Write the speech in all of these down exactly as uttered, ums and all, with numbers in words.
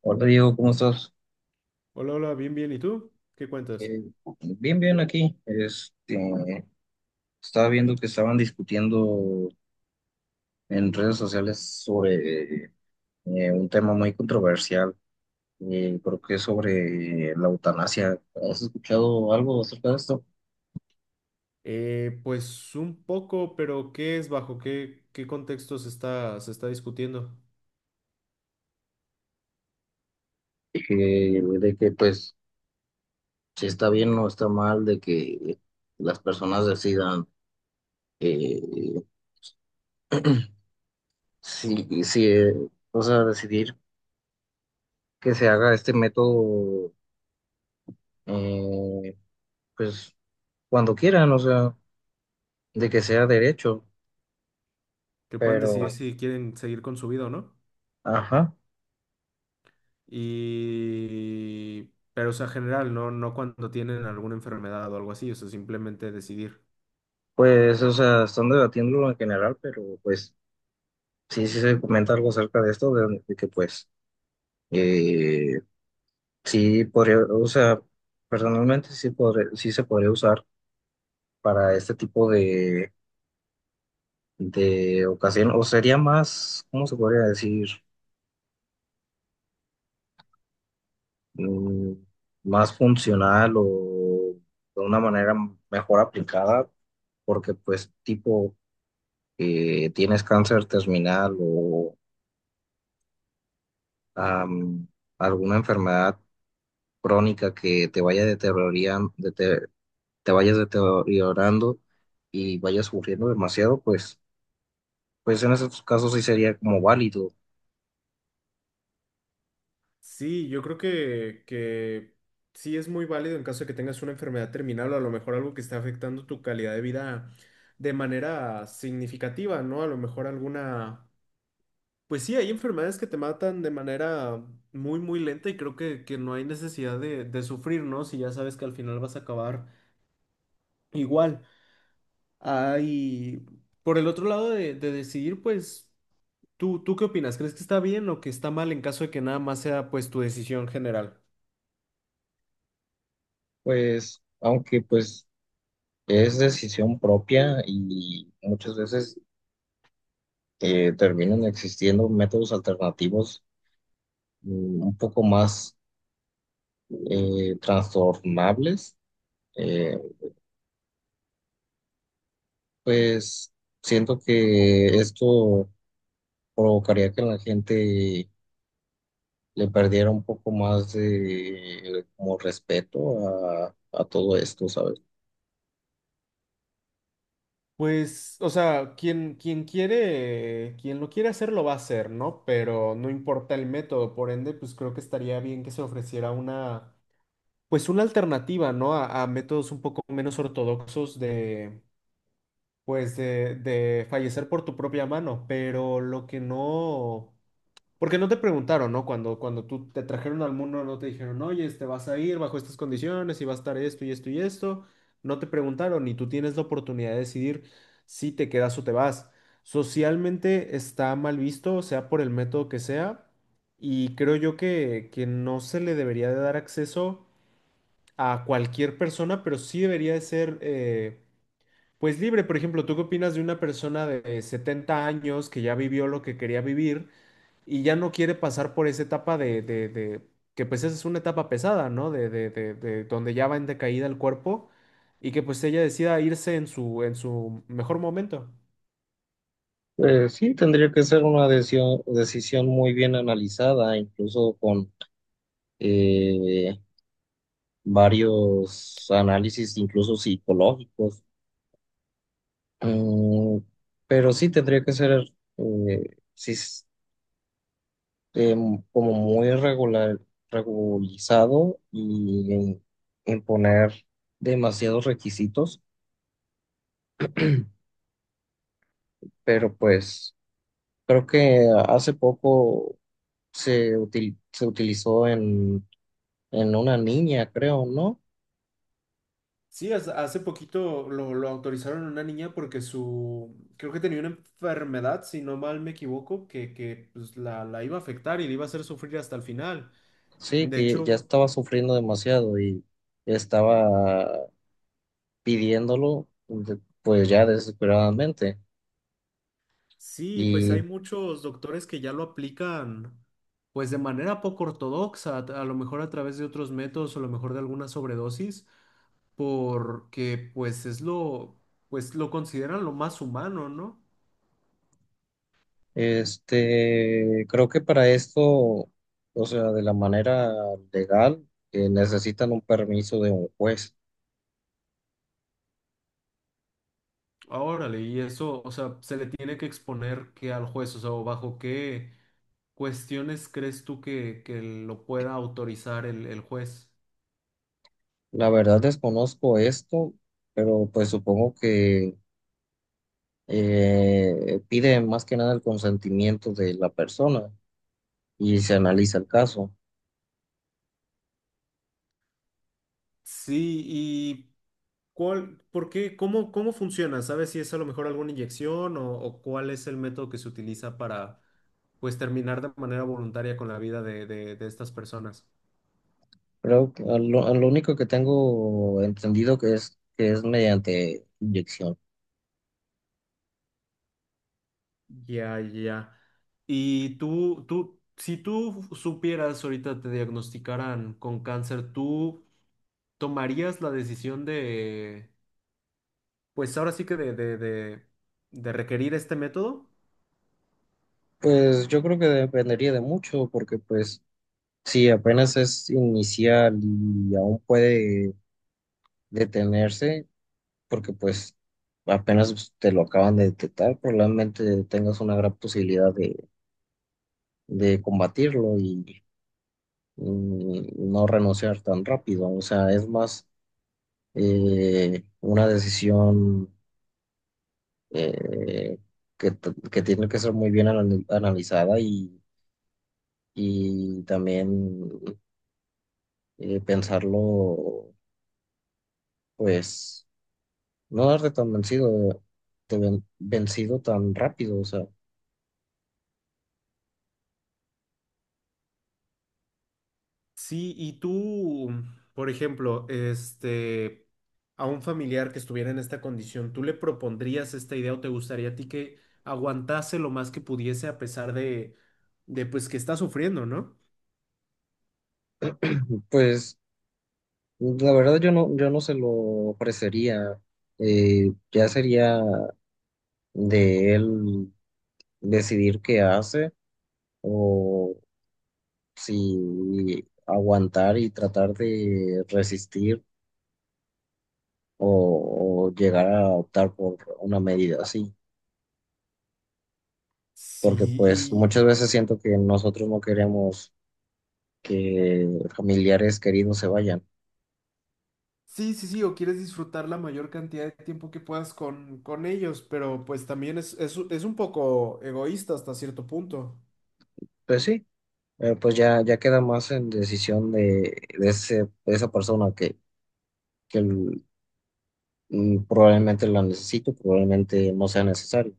Hola Diego, ¿cómo estás? Hola, hola, bien, bien. ¿Y tú? ¿Qué cuentas? Eh, bien, bien aquí. Este, estaba viendo que estaban discutiendo en redes sociales sobre eh, un tema muy controversial, eh, creo que es sobre la eutanasia. ¿Has escuchado algo acerca de esto? Eh, pues un poco, pero ¿qué es bajo qué, qué contexto se está, se está discutiendo? Que- de que pues si está bien o está mal, de que las personas decidan eh, si, si, eh, o sea, decidir que se haga este método, eh, pues cuando quieran, o sea, de que sea derecho, Que puedan decidir pero, si quieren seguir con su vida o no. ajá, Y... Pero, o sea, general, no, no cuando tienen alguna enfermedad o algo así, o sea, simplemente decidir. pues, o sea, están debatiéndolo en general, pero pues sí, sí se comenta algo acerca de esto, de, de que pues, eh, sí podría, o sea, personalmente sí, podré- sí se podría usar para este tipo de, de ocasión, o sería más, ¿cómo se podría decir? Mm, más funcional o de una manera mejor aplicada, porque pues tipo que tienes cáncer terminal o am, alguna enfermedad crónica que te vaya deterioran- dete- te vayas deteriorando y vayas sufriendo demasiado, pues, pues en esos casos sí sería como válido. Sí, yo creo que, que sí es muy válido en caso de que tengas una enfermedad terminal o a lo mejor algo que esté afectando tu calidad de vida de manera significativa, ¿no? A lo mejor alguna. Pues sí, hay enfermedades que te matan de manera muy, muy lenta y creo que, que no hay necesidad de, de sufrir, ¿no? Si ya sabes que al final vas a acabar igual. Hay, por el otro lado de, de decidir, pues, ¿tú, tú qué opinas? ¿Crees que está bien o que está mal en caso de que nada más sea, pues, tu decisión general? Pues, aunque pues es decisión propia y muchas veces eh, terminan existiendo métodos alternativos, mm, un poco más eh, trastornables. eh, Pues siento que esto provocaría que la gente le perdiera un poco más de como respeto a, a todo esto, ¿sabes? Pues, o sea, quien, quien quiere, quien lo quiere hacer lo va a hacer, ¿no? Pero no importa el método, por ende, pues creo que estaría bien que se ofreciera una pues una alternativa, ¿no? A, a métodos un poco menos ortodoxos de, pues, de, de fallecer por tu propia mano, pero lo que no, porque no te preguntaron, ¿no? Cuando, cuando tú te trajeron al mundo, no te dijeron, oye, te vas a ir bajo estas condiciones y va a estar esto y esto y esto, no te preguntaron y tú tienes la oportunidad de decidir si te quedas o te vas. Socialmente está mal visto, sea por el método que sea, y creo yo que, que no se le debería de dar acceso a cualquier persona, pero sí debería de ser, eh, pues libre. Por ejemplo, ¿tú qué opinas de una persona de setenta años que ya vivió lo que quería vivir y ya no quiere pasar por esa etapa de, de- de- que pues esa es una etapa pesada, ¿no? De, de- de- de donde ya va en decaída el cuerpo y que pues ella decida irse en su, en su mejor momento. Pues sí, tendría que ser una decisión, decisión muy bien analizada, incluso con eh, varios análisis, incluso psicológicos. Mm, pero sí tendría que ser, eh, sí, eh, como muy regular, regularizado y en, en demasiados requisitos, pero pues creo que hace poco se, util- se utilizó en, en una niña, creo, ¿no? Sí, hace hace poquito lo, lo autorizaron a una niña porque su, creo que tenía una enfermedad, si no mal me equivoco, que, que pues, la, la iba a afectar y le iba a hacer sufrir hasta el final. Sí, De que ya hecho, estaba sufriendo demasiado y estaba pidiéndolo, de- pues ya desesperadamente. sí, pues hay Y muchos doctores que ya lo aplican pues de manera poco ortodoxa, a a lo mejor a través de otros métodos o a lo mejor de alguna sobredosis, porque pues es lo, pues lo consideran lo más humano, ¿no? este, creo que para esto, o sea, de la manera legal, eh, necesitan un permiso de un juez. Órale, y eso, o sea, se le tiene que exponer que al juez, o sea, o bajo qué cuestiones crees tú que, que lo pueda autorizar el, el juez. La verdad desconozco esto, pero pues supongo que eh, piden más que nada el consentimiento de la persona y se analiza el caso. Sí, y ¿cuál, por qué, cómo, cómo funciona? ¿Sabes si es a lo mejor alguna inyección o, o cuál es el método que se utiliza para, pues, terminar de manera voluntaria con la vida de, de, de estas personas? Creo que a lo, a lo único que tengo entendido que es que es mediante inyección. Ya, ya. Y tú, tú, si tú supieras ahorita te diagnosticaran con cáncer, ¿tú ¿Tomarías la decisión de, pues ahora sí que de, de, de, de requerir este método? Pues yo creo que dependería de mucho, porque pues sí, apenas es inicial y aún puede detenerse porque pues apenas te lo acaban de detectar, probablemente tengas una gran posibilidad de, de combatirlo y, y no renunciar tan rápido. O sea, es más eh, una decisión eh, que, t- que tiene que ser muy bien anali- analizada y, y también eh, pensarlo, pues no darte tan vencido, de ven- vencido tan rápido, o sea, Sí, y tú, por ejemplo, este, a un familiar que estuviera en esta condición, ¿tú le propondrías esta idea o te gustaría a ti que aguantase lo más que pudiese a pesar de, de pues que está sufriendo, ¿no? pues la verdad yo no, yo no se lo ofrecería, eh, ya sería de él decidir qué hace o si aguantar y tratar de resistir o, o llegar a optar por una medida así, porque pues Sí, muchas y veces siento que nosotros no queremos que familiares queridos se vayan. sí, sí, sí, o quieres disfrutar la mayor cantidad de tiempo que puedas con, con ellos, pero pues también es, es, es un poco egoísta hasta cierto punto. Pues sí. Eh, pues ya, ya queda más en decisión de, de ese, de esa persona que, que el- mm, probablemente la necesito, probablemente no sea necesario.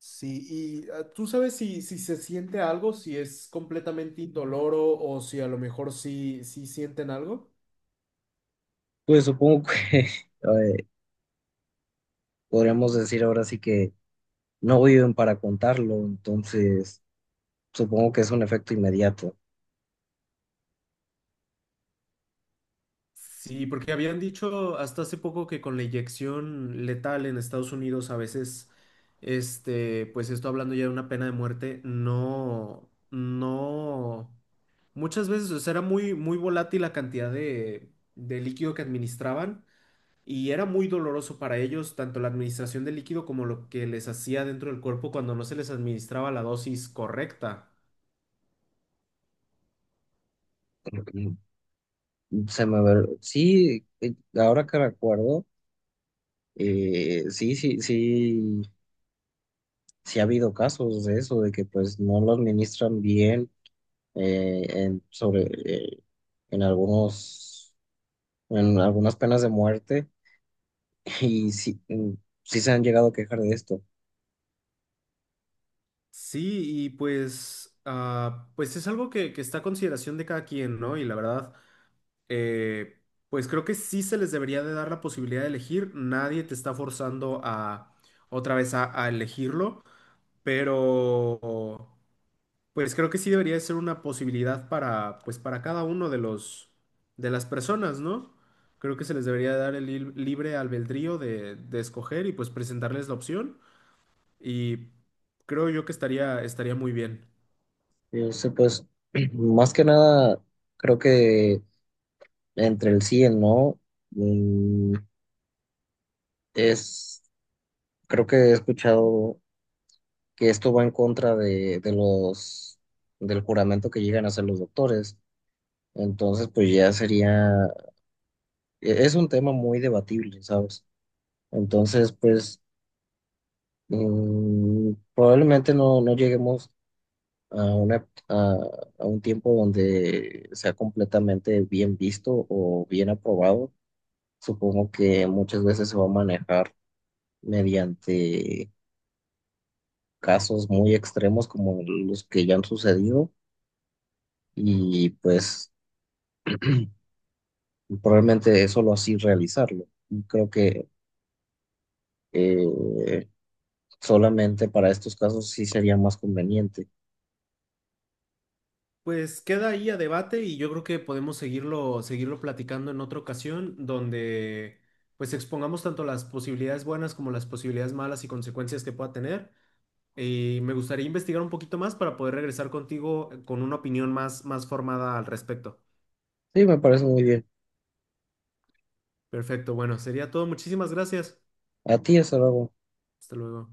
Sí, y ah, tú sabes si, si se siente algo, si es completamente indoloro o si a lo mejor sí, sí sienten algo. Pues supongo que eh, podríamos decir ahora sí que no viven para contarlo, entonces supongo que es un efecto inmediato. Sí, porque habían dicho hasta hace poco que con la inyección letal en Estados Unidos a veces, este, pues esto hablando ya de una pena de muerte, no, no, muchas veces, o sea, era muy, muy volátil la cantidad de, de líquido que administraban. Y era muy doloroso para ellos tanto la administración del líquido como lo que les hacía dentro del cuerpo cuando no se les administraba la dosis correcta. Mm, Se me ve- sí, eh, ahora que recuerdo, eh, sí, sí, sí, sí ha habido casos de eso, de que pues no lo administran bien, eh, en, sobre, eh, en algunos, en algunas penas de muerte y sí, mm, sí se han llegado a quejar de esto. Sí, y pues, ah, pues es algo que, que está a consideración de cada quien, ¿no? Y la verdad, eh, pues creo que sí se les debería de dar la posibilidad de elegir. Nadie te está forzando a otra vez a, a elegirlo, pero. Pues creo que sí debería ser una posibilidad para, pues para cada uno de los, de las personas, ¿no? Creo que se les debería dar el lib- libre albedrío de, de escoger y pues presentarles la opción y creo yo que estaría, estaría muy bien. Yo sé, pues, más que nada, creo que entre el sí y el no, mm, es, creo que he escuchado que esto va en contra de, de los, del juramento que llegan a hacer los doctores. Entonces, pues ya sería, e- es un tema muy debatible, ¿sabes? Entonces, pues mm, probablemente no, no lleguemos a, una, a, a un tiempo donde sea completamente bien visto o bien aprobado. Supongo que muchas veces se va a manejar mediante casos muy extremos como los que ya han sucedido y pues probablemente solo así realizarlo. Y creo que eh, solamente para estos casos sí sería más conveniente. Pues queda ahí a debate y yo creo que podemos seguirlo, seguirlo platicando en otra ocasión donde pues expongamos tanto las posibilidades buenas como las posibilidades malas y consecuencias que pueda tener. Y me gustaría investigar un poquito más para poder regresar contigo eh, con una opinión más, más formada al respecto. Sí, me parece muy bien. Perfecto, bueno, sería todo. Muchísimas gracias. A ti, hasta luego. Hasta luego.